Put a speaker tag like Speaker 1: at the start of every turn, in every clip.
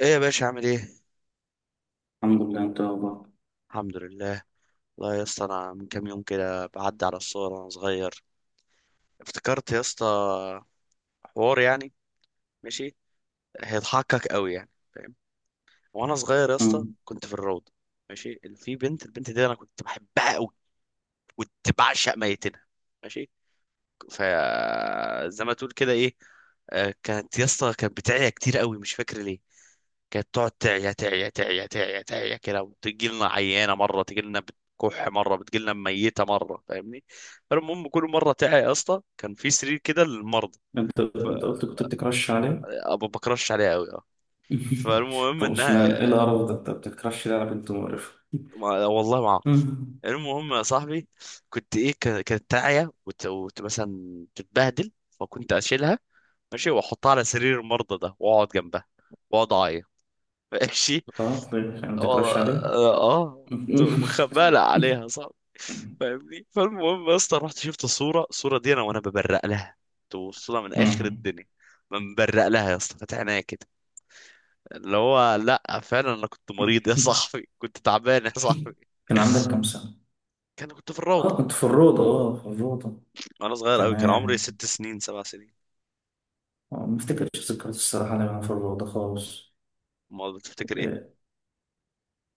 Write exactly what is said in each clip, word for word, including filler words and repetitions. Speaker 1: ايه يا باشا عامل ايه؟
Speaker 2: الحمد لله، انت اخبار؟
Speaker 1: الحمد لله. والله يا اسطى، انا من كام يوم كده بعدي على الصور وانا صغير. افتكرت يا اسطى حوار يعني. ماشي. هيضحكك قوي يعني، فاهم؟ وانا صغير يا اسطى
Speaker 2: انت
Speaker 1: كنت في الروضه. ماشي، اللي في بنت البنت دي انا كنت بحبها قوي، كنت بعشق ميتينها. ماشي. ف زي ما تقول كده ايه. آه، كانت يا اسطى، كانت بتعيا كتير قوي، مش فاكر ليه. كانت تقعد تعيا تعيا تعيا تعيا تعيا كده، وتجي لنا عيانه مره، تجي لنا بتكح مره، بتجي لنا ميته مره، فاهمني؟ فالمهم، كل مره تعيا يا اسطى، كان في سرير كده للمرضى.
Speaker 2: انت
Speaker 1: ف
Speaker 2: قلت كنت بتكرش عليه.
Speaker 1: أبو بكرش عليها قوي، اه. فالمهم
Speaker 2: طب
Speaker 1: انها
Speaker 2: اشمعنى ايه القرف ده، انت بتكرش ليه على بنت مقرفة؟
Speaker 1: ما... والله ما اعرف.
Speaker 2: مم.
Speaker 1: المهم يا صاحبي، كنت ايه ك... كانت تعيا وت... وت... مثلا تتبهدل، فكنت اشيلها. ماشي، واحطها على سرير المرضى ده، واقعد جنبها، واقعد اعيط. ماشي.
Speaker 2: طب طيب، يعني
Speaker 1: والله
Speaker 2: بتكرش عليه.
Speaker 1: اه آه، كنت خبالة عليها، صح؟ فاهمني. فالمهم يا اسطى، رحت شفت صورة الصورة دي انا وانا ببرق لها، توصلها من اخر
Speaker 2: مم.
Speaker 1: الدنيا. من برق لها يا اسطى، فاتح عينيا كده، اللي هو لا فعلا انا كنت مريض يا صاحبي، كنت تعبان يا صاحبي.
Speaker 2: كان عندك كام سنة؟
Speaker 1: كان كنت في
Speaker 2: اه
Speaker 1: الروضة،
Speaker 2: كنت في الروضة، اه في الروضة.
Speaker 1: وانا صغير قوي، كان عمري
Speaker 2: تمام.
Speaker 1: ست سنين سبع سنين.
Speaker 2: اه، ما افتكرش ذكريات الصراحة لما انا في الروضة خالص.
Speaker 1: ما بتفتكر ايه؟
Speaker 2: اه،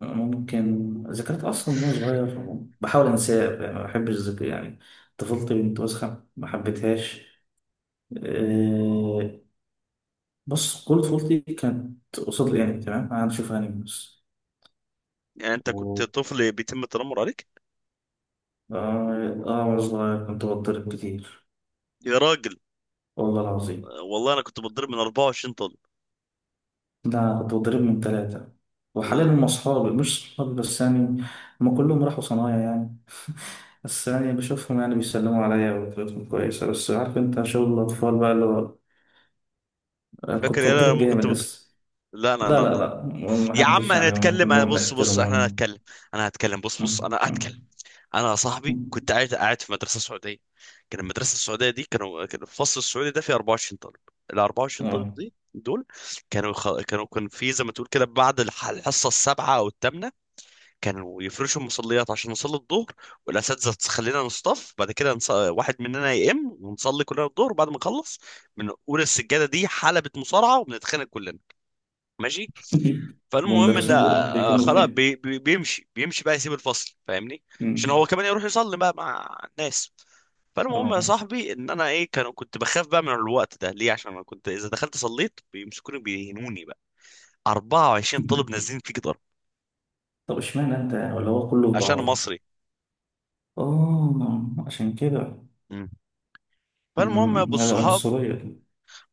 Speaker 2: ممكن ذكريات أصلا وأنا صغير بحاول أنساها، يعني ما بحبش الذكر يعني. طفولتي بنت وسخة، ما حبيتهاش. آه، بص، كل طفولتي كانت قصاد الانمي، تمام، انا بشوف انمي بس.
Speaker 1: يعني انت كنت
Speaker 2: أوه.
Speaker 1: طفل بيتم التنمر عليك.
Speaker 2: اه آه، وانا صغير كنت بتضرب كتير،
Speaker 1: يا راجل،
Speaker 2: والله العظيم.
Speaker 1: آه، والله انا كنت بتضرب من 24 طالب.
Speaker 2: لا، كنت بتضرب من ثلاثة، وحاليا هم أصحابي، مش صحابي بس يعني. هم كلهم راحوا صنايع يعني. بس يعني بشوفهم، يعني بيسلموا عليا وطريقتهم كويسة، بس عارف أنت شغل الأطفال بقى اللي هو، آه،
Speaker 1: فاكر
Speaker 2: كنت
Speaker 1: ايه أنا
Speaker 2: بتضرب
Speaker 1: لما
Speaker 2: جامد
Speaker 1: كنت بتضرب؟
Speaker 2: بس.
Speaker 1: لا لا
Speaker 2: لا لا
Speaker 1: لا،
Speaker 2: لا،
Speaker 1: يا عم
Speaker 2: محدش يعني،
Speaker 1: هنتكلم، انا
Speaker 2: كلهم
Speaker 1: بص بص احنا
Speaker 2: بيحترموني.
Speaker 1: هنتكلم، انا هتكلم، بص بص
Speaker 2: م-
Speaker 1: انا هتكلم.
Speaker 2: م-
Speaker 1: انا يا صاحبي
Speaker 2: م.
Speaker 1: كنت قاعد قاعد في مدرسه سعوديه. كان المدرسه السعوديه دي، كانوا كان الفصل السعودي ده فيه 24 طالب. ال 24 طالب
Speaker 2: آه.
Speaker 1: دي دول كانوا خ... كانوا كان في، زي ما تقول كده، بعد الح- الحصه السابعه او الثامنه، كانوا يفرشوا المصليات عشان نصلي الظهر. والاساتذه تخلينا نصطف، بعد كده نص... واحد مننا يقم، ونصلي كلنا الظهر، وبعد ما نخلص بنقول السجاده دي حلبة مصارعه وبنتخانق كلنا. ماشي. فالمهم ان
Speaker 2: والمدرسين بيروحوا
Speaker 1: آه، آه،
Speaker 2: بيكونوا
Speaker 1: خلاص
Speaker 2: فين؟
Speaker 1: بي بي بيمشي بيمشي بقى، يسيب الفصل فاهمني، عشان
Speaker 2: مم.
Speaker 1: هو كمان يروح يصلي بقى مع الناس. فالمهم يا
Speaker 2: اه.
Speaker 1: صاحبي ان انا ايه، كانوا كنت بخاف بقى من الوقت ده، ليه؟ عشان انا كنت اذا دخلت صليت بيمسكوني بيهنوني بقى، 24 طالب نازلين فيك ضرب.
Speaker 2: طب اشمعنى انت يعني، ولا هو كله في
Speaker 1: عشان أنا
Speaker 2: بعضه؟
Speaker 1: مصري.
Speaker 2: اه عشان كده.
Speaker 1: مم. فالمهم يا ابو
Speaker 2: مم، هذا
Speaker 1: الصحاب،
Speaker 2: عنصرية.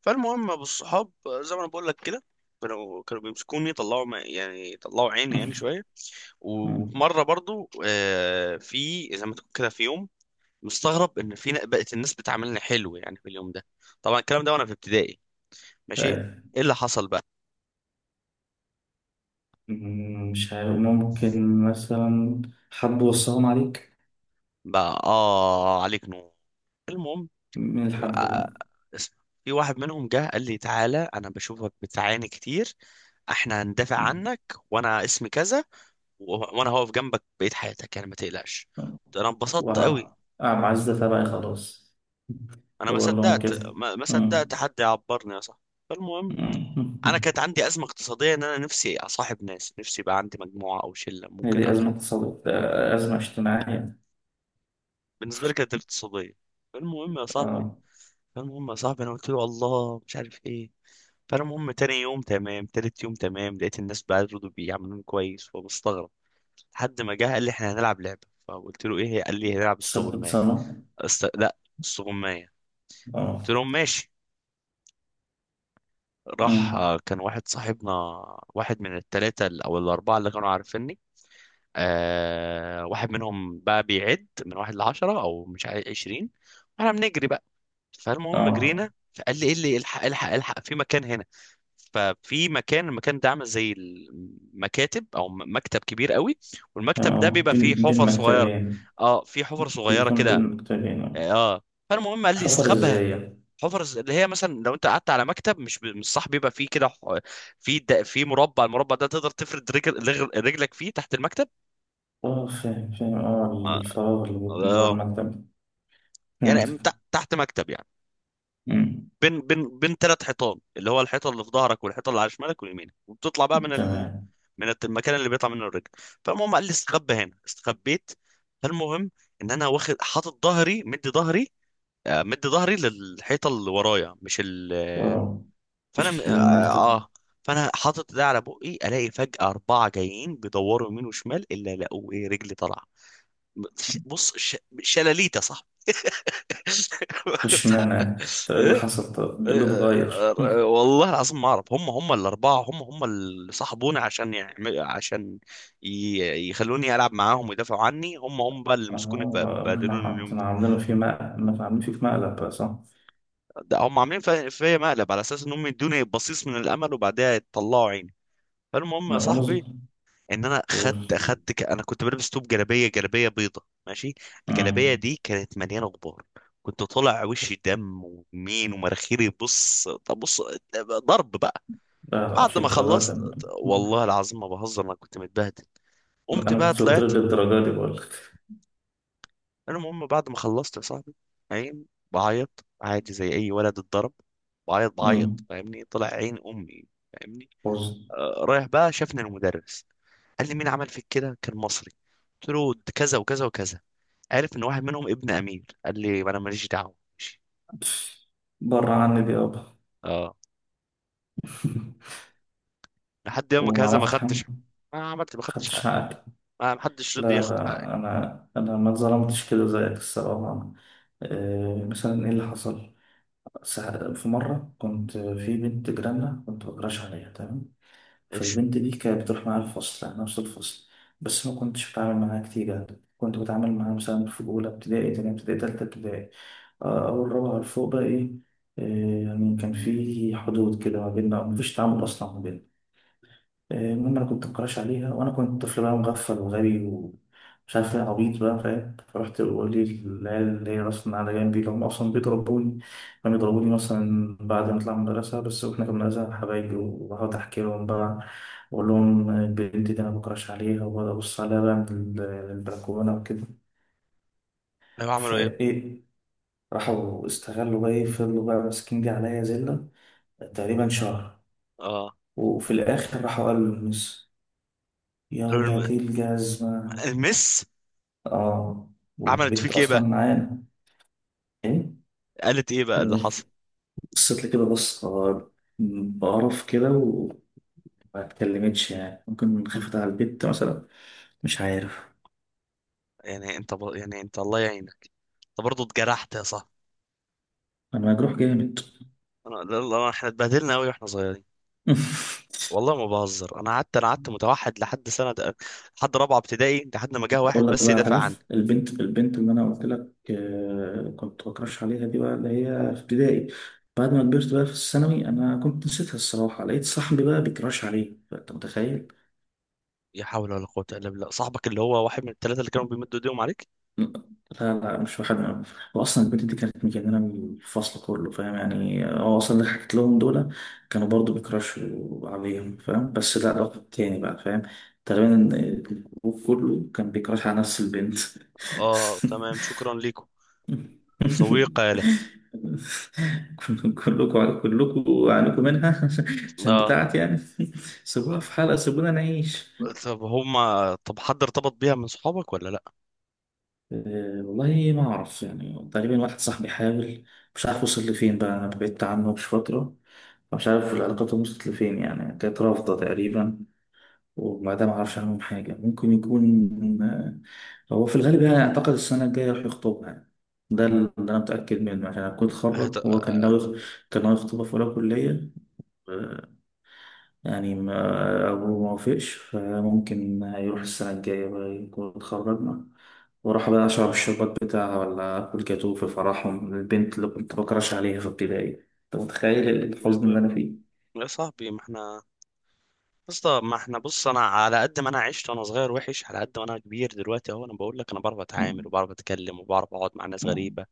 Speaker 1: فالمهم يا ابو الصحاب آه، زي ما انا بقول لك كده، كانوا كانوا بيمسكوني، طلعوا ما- يعني طلعوا عيني يعني شويه.
Speaker 2: مم.
Speaker 1: ومره برضو، آه، في زي ما تقول كده في يوم، مستغرب ان في ن- بقت الناس بتعاملني حلو، يعني في اليوم ده. طبعا الكلام ده وانا في ابتدائي. ماشي.
Speaker 2: طيب.
Speaker 1: ايه اللي حصل بقى؟
Speaker 2: مم، مش عارف، ممكن مثلا حد وصاهم عليك.
Speaker 1: بقى اه عليك نور. المهم،
Speaker 2: من الحد ده بقى.
Speaker 1: آه، اسمع. في واحد منهم جه قال لي: تعالى، انا بشوفك بتعاني كتير، احنا هندافع
Speaker 2: مم.
Speaker 1: عنك، وانا اسمي كذا، و- وانا هقف جنبك بقية حياتك يعني، ما تقلقش. انا انبسطت قوي.
Speaker 2: وع- عزة تبعي خلاص.
Speaker 1: انا ما
Speaker 2: هو اللي هم
Speaker 1: صدقت،
Speaker 2: كده.
Speaker 1: ما ما صدقت
Speaker 2: مم.
Speaker 1: حد يعبرني يا صاحبي. فالمهم،
Speaker 2: مم.
Speaker 1: انا كانت عندي ازمه اقتصاديه، ان انا نفسي اصاحب ناس، نفسي يبقى عندي مجموعه او شله،
Speaker 2: هي
Speaker 1: ممكن
Speaker 2: دي
Speaker 1: اخ.
Speaker 2: أزمة اقتصادية؟ آه، أزمة اجتماعية.
Speaker 1: بالنسبه لي كانت اقتصاديه. فالمهم يا صاحبي،
Speaker 2: اه.
Speaker 1: فالمهم يا صاحبي انا قلت له: الله، مش عارف ايه. فالمهم، تاني يوم تمام، تالت يوم تمام، لقيت الناس بيردوا بي عاملين كويس، فبستغرب. لحد ما جه قال لي: احنا هنلعب لعبه. فقلت له: ايه هي؟ قال لي: هنلعب
Speaker 2: سبت
Speaker 1: استغمايه.
Speaker 2: سنة.
Speaker 1: است... لا، استغمايه.
Speaker 2: اه.
Speaker 1: قلت لهم: ماشي. راح،
Speaker 2: امم.
Speaker 1: آه، كان واحد صاحبنا، واحد من الثلاثه او الاربعه اللي كانوا عارفيني، آه، واحد منهم بقى بيعد من واحد لعشرة او مش عارف عشرين، واحنا بنجري بقى. فالمهم
Speaker 2: اه.
Speaker 1: جرينا، فقال لي: ايه اللي الحق الحق الحق في مكان هنا. ففي مكان المكان ده عامل زي المكاتب، او م- مكتب كبير قوي.
Speaker 2: تمام،
Speaker 1: والمكتب ده
Speaker 2: أو
Speaker 1: بيبقى فيه
Speaker 2: بين بين
Speaker 1: حفر صغيرة.
Speaker 2: مكتبين.
Speaker 1: اه، في حفر صغيرة
Speaker 2: بيكون بين
Speaker 1: كده.
Speaker 2: مكتبين.
Speaker 1: اه، فالمهم قال لي
Speaker 2: حفر
Speaker 1: استخبها.
Speaker 2: ازاي يعني؟
Speaker 1: حفر ز- اللي هي مثلا لو انت قعدت على مكتب، مش ب... مش صح، بيبقى فيه كده ح- في د... في مربع، المربع ده تقدر تفرد رجل... رجل... رجلك فيه تحت المكتب.
Speaker 2: اه فاهم فاهم، اه
Speaker 1: اه.
Speaker 2: الفراغ اللي بيكون جوه
Speaker 1: آه.
Speaker 2: المكتب.
Speaker 1: يعني
Speaker 2: فهمت.
Speaker 1: تحت تحت مكتب يعني،
Speaker 2: امم.
Speaker 1: بين بين بين ثلاث حيطان، اللي هو الحيطه اللي في ظهرك، والحيطه اللي على شمالك واليمينك، وبتطلع بقى من ال...
Speaker 2: تمام.
Speaker 1: من المكان اللي بيطلع منه الرجل. فالمهم قال لي: استخبى هنا، استخبيت. فالمهم، ان انا واخد حاطط ظهري، مدي ظهري آه، مدي ظهري للحيطه اللي ورايا، مش ال آه،
Speaker 2: اه
Speaker 1: فانا م-
Speaker 2: مش
Speaker 1: اه
Speaker 2: المكتب.
Speaker 1: آه. فانا حاطط ده على بقي، الاقي فجاه اربعه جايين بيدوروا يمين وشمال، الا لقوا ايه؟ رجلي طالعه. بص ش... شلاليت يا صاحبي.
Speaker 2: مش معنى، طب ايه اللي
Speaker 1: آه،
Speaker 2: حصل، طب ايه اللي
Speaker 1: آه،
Speaker 2: اتغير؟
Speaker 1: آه،
Speaker 2: مم.
Speaker 1: والله العظيم ما اعرف، هم هم الاربعه، هم هم اللي صاحبوني عشان يعمل، عشان ي- يخلوني العب معاهم ويدافعوا عني، هم هم بقى اللي مسكوني ب-
Speaker 2: اه،
Speaker 1: بهدلوني
Speaker 2: ما
Speaker 1: اليوم
Speaker 2: كانوا
Speaker 1: ده.
Speaker 2: عاملينه في مقلب، ما كانوا عاملين فيه في مقلب بقى، صح؟
Speaker 1: ده هم عاملين في- فيا مقلب، على اساس ان هم يدوني بصيص من الامل، وبعدها يطلعوا عيني. فالمهم يا
Speaker 2: لا، وانا
Speaker 1: صاحبي،
Speaker 2: صغير.
Speaker 1: ان انا خدت خدت ك... انا كنت بلبس توب جلابيه، جلابيه بيضه ماشي. الجلابيه
Speaker 2: مم.
Speaker 1: دي كانت مليانه غبار، كنت طالع وشي دم ومين ومراخيري. بص طب بص، ضرب بقى.
Speaker 2: لا لا،
Speaker 1: بعد
Speaker 2: مش
Speaker 1: ما
Speaker 2: الدرجات
Speaker 1: خلصت،
Speaker 2: انا.
Speaker 1: والله العظيم ما بهزر، انا كنت متبهدل. قمت
Speaker 2: أنا
Speaker 1: بقى
Speaker 2: كنت قلت
Speaker 1: طلعت.
Speaker 2: لك الدرجات دي بقول لك.
Speaker 1: المهم، بعد ما خلصت يا صاحبي، عين، بعيط عادي زي اي ولد اتضرب. بعيط بعيط،
Speaker 2: مم.
Speaker 1: فاهمني؟ طلع عين امي، فاهمني. آه، رايح بقى، شافني المدرس قال لي: مين عمل فيك كده؟ كان مصري. قلت له: ده كذا وكذا وكذا. عارف ان واحد منهم ابن امير، قال لي: ما انا ماليش دعوه، ماشي.
Speaker 2: بره عني دي يابا.
Speaker 1: اه، لحد يومك هذا ما
Speaker 2: وعملت
Speaker 1: خدتش.
Speaker 2: حمل.
Speaker 1: ما عملت ما خدتش حقي،
Speaker 2: خدتش حقك.
Speaker 1: ما ما حدش
Speaker 2: لا
Speaker 1: رضي ياخد حقي.
Speaker 2: لا، انا انا ما اتظلمتش كده زيك الصراحه. آه، مثلا ايه اللي حصل؟ ساعة- في مره كنت في بنت جيراننا، كنت بكراش عليها، تمام.
Speaker 1: ايش؟
Speaker 2: فالبنت دي كانت بتروح معايا الفصل، يعني نفس الفصل. بس ما كنتش بتعامل معاها كتير يعني، كنت بتعامل معاها مثلا في اولى ابتدائي، تانية ابتدائي، تالتة ابتدائي. آه، اول رابعه لفوق بقى ايه. آه، يعني كان في حدود كده ما بيننا، مفيش تعامل اصلا ما بيننا. المهم انا كنت مكراش عليها، وانا كنت طفل بقى مغفل وغبي ومش عارف ايه، عبيط بقى فاهم. فرحت بقول لي العيال اللي هي اصلا على جنبي اللي هم اصلا بيضربوني. كانوا يضربوني مثلا بعد ما اطلع من المدرسه بس، واحنا كنا مدرسه حبايبي، وبقعد احكي لهم بقى واقول لهم البنت دي انا بكراش عليها، وبقعد ابص عليها بقى من البلكونه وكده.
Speaker 1: ايوه، عملوا ايه؟
Speaker 2: فايه، راحوا استغلوا بقى ايه، فضلوا بقى ماسكين دي عليا زله تقريبا شهر.
Speaker 1: اه،
Speaker 2: وفي الاخر راحوا قالوا للمس، يا ولاد
Speaker 1: قالوا
Speaker 2: إيه الجزمة.
Speaker 1: المس.
Speaker 2: اه،
Speaker 1: عملت
Speaker 2: والبنت
Speaker 1: فيك ايه
Speaker 2: اصلا
Speaker 1: بقى؟
Speaker 2: معانا. ايه.
Speaker 1: قالت ايه بقى اللي
Speaker 2: إيه،
Speaker 1: حصل؟
Speaker 2: بصيت لي كده بص، آه، بقرف كده، وما اتكلمتش يعني، ممكن خفت على البنت مثلا، مش عارف.
Speaker 1: يعني انت ب... يعني انت الله يعينك، انت برضه اتجرحت يا صاحبي.
Speaker 2: انا مجروح جامد.
Speaker 1: انا لا- لا، احنا اتبهدلنا قوي واحنا صغيرين. والله ما بهزر، انا قعدت، انا قعدت متوحد لحد سنه، لحد رابعه ابتدائي، لحد ما جه
Speaker 2: اقول
Speaker 1: واحد
Speaker 2: لك
Speaker 1: بس
Speaker 2: بقى
Speaker 1: يدافع
Speaker 2: على
Speaker 1: عني.
Speaker 2: البنت، البنت اللي انا قلت لك آه، كنت بكرش عليها دي بقى، اللي هي في ابتدائي. بعد ما كبرت بقى في الثانوي انا كنت نسيتها الصراحه، لقيت صاحبي بقى بيكرش عليه، انت متخيل؟
Speaker 1: لا حول ولا قوه الا بالله، صاحبك اللي هو واحد من الثلاثه اللي كانوا بيمدوا ايديهم عليك؟
Speaker 2: لا، لا مش واحد. واصلا البنت دي كانت مجننه من الفصل كله فاهم يعني. هو اصلا اللي حكيت لهم دول كانوا برضو بيكراشوا عليهم فاهم، بس لا، ده واحد تاني بقى فاهم. تقريبا الجروب كله كان بيكراش على نفس البنت.
Speaker 1: اه، تمام، شكرا ليكم. ذوي قالة.
Speaker 2: كل- كلكم كلكم عانيكم منها عشان
Speaker 1: اه.
Speaker 2: بتاعتي يعني. سيبوها في حالها، سيبونا نعيش.
Speaker 1: طب هما، طب حد ارتبط بيها من صحابك ولا لا؟
Speaker 2: أه والله ما أعرف، يعني تقريبا واحد صاحبي حاول، مش عارف وصل لفين بقى، أنا بعدت عنه مش فترة. مش عارف العلاقات وصلت لفين يعني، كانت رافضة تقريبا. وما ده ما أعرفش عنهم حاجة، ممكن يكون آه، هو في الغالب يعني أعتقد السنة الجاية راح يخطبها يعني. ده اللي أنا متأكد منه عشان أنا كنت
Speaker 1: هت...
Speaker 2: اتخرج، هو كان ناوي، كان ناوي يخطبها في أولى كلية يعني. ما أبوه ما وافقش، فممكن هيروح السنة الجاية بقى يكون اتخرجنا، وراح بقى أشرب الشربات بتاعها ولا آكل جاتوه في فرحهم، البنت اللي كنت بكرش عليها في ابتدائي. أنت متخيل الحزن اللي أنا فيه؟
Speaker 1: يا صاحبي، ما احنا، اسطى ما احنا بص، انا على قد ما انا عشت وانا صغير وحش، على قد ما انا كبير دلوقتي اهو، انا بقول لك، انا بعرف اتعامل،
Speaker 2: مم.
Speaker 1: وبعرف اتكلم، وبعرف اقعد مع ناس
Speaker 2: مم.
Speaker 1: غريبه.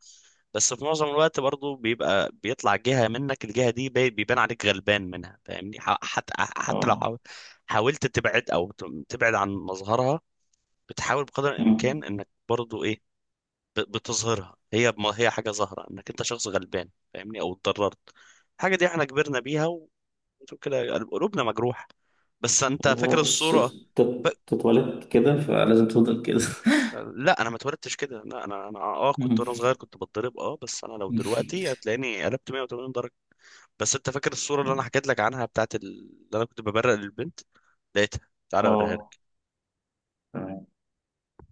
Speaker 1: بس في معظم الوقت برضو، بيبقى بيطلع جهه منك الجهه دي بي- بيبان عليك غلبان منها، فاهمني؟ ح- حتى حتى لو
Speaker 2: آه.
Speaker 1: حاول- حاولت تبعد، او ت- تبعد عن مظهرها، بتحاول بقدر
Speaker 2: مم.
Speaker 1: الامكان انك برضو ايه، ب- بتظهرها، هي ما هي حاجه ظاهره، انك انت شخص غلبان فاهمني، او اتضررت. الحاجه دي احنا كبرنا بيها كده، يعني قلوبنا مجروح. بس انت
Speaker 2: هي
Speaker 1: فاكر
Speaker 2: بص،
Speaker 1: الصورة؟ ف...
Speaker 2: تت- تتولد كده فلازم تفضل كده.
Speaker 1: لا انا ما اتولدتش كده، لا انا، انا اه كنت
Speaker 2: مم.
Speaker 1: وانا صغير كنت بتضرب، اه، بس انا لو دلوقتي هتلاقيني قلبت 180 درجة. بس انت فاكر الصورة اللي انا حكيت لك عنها بتاعت ال... اللي انا كنت ببرق للبنت؟ لقيتها، تعالى اوريها لك.
Speaker 2: آه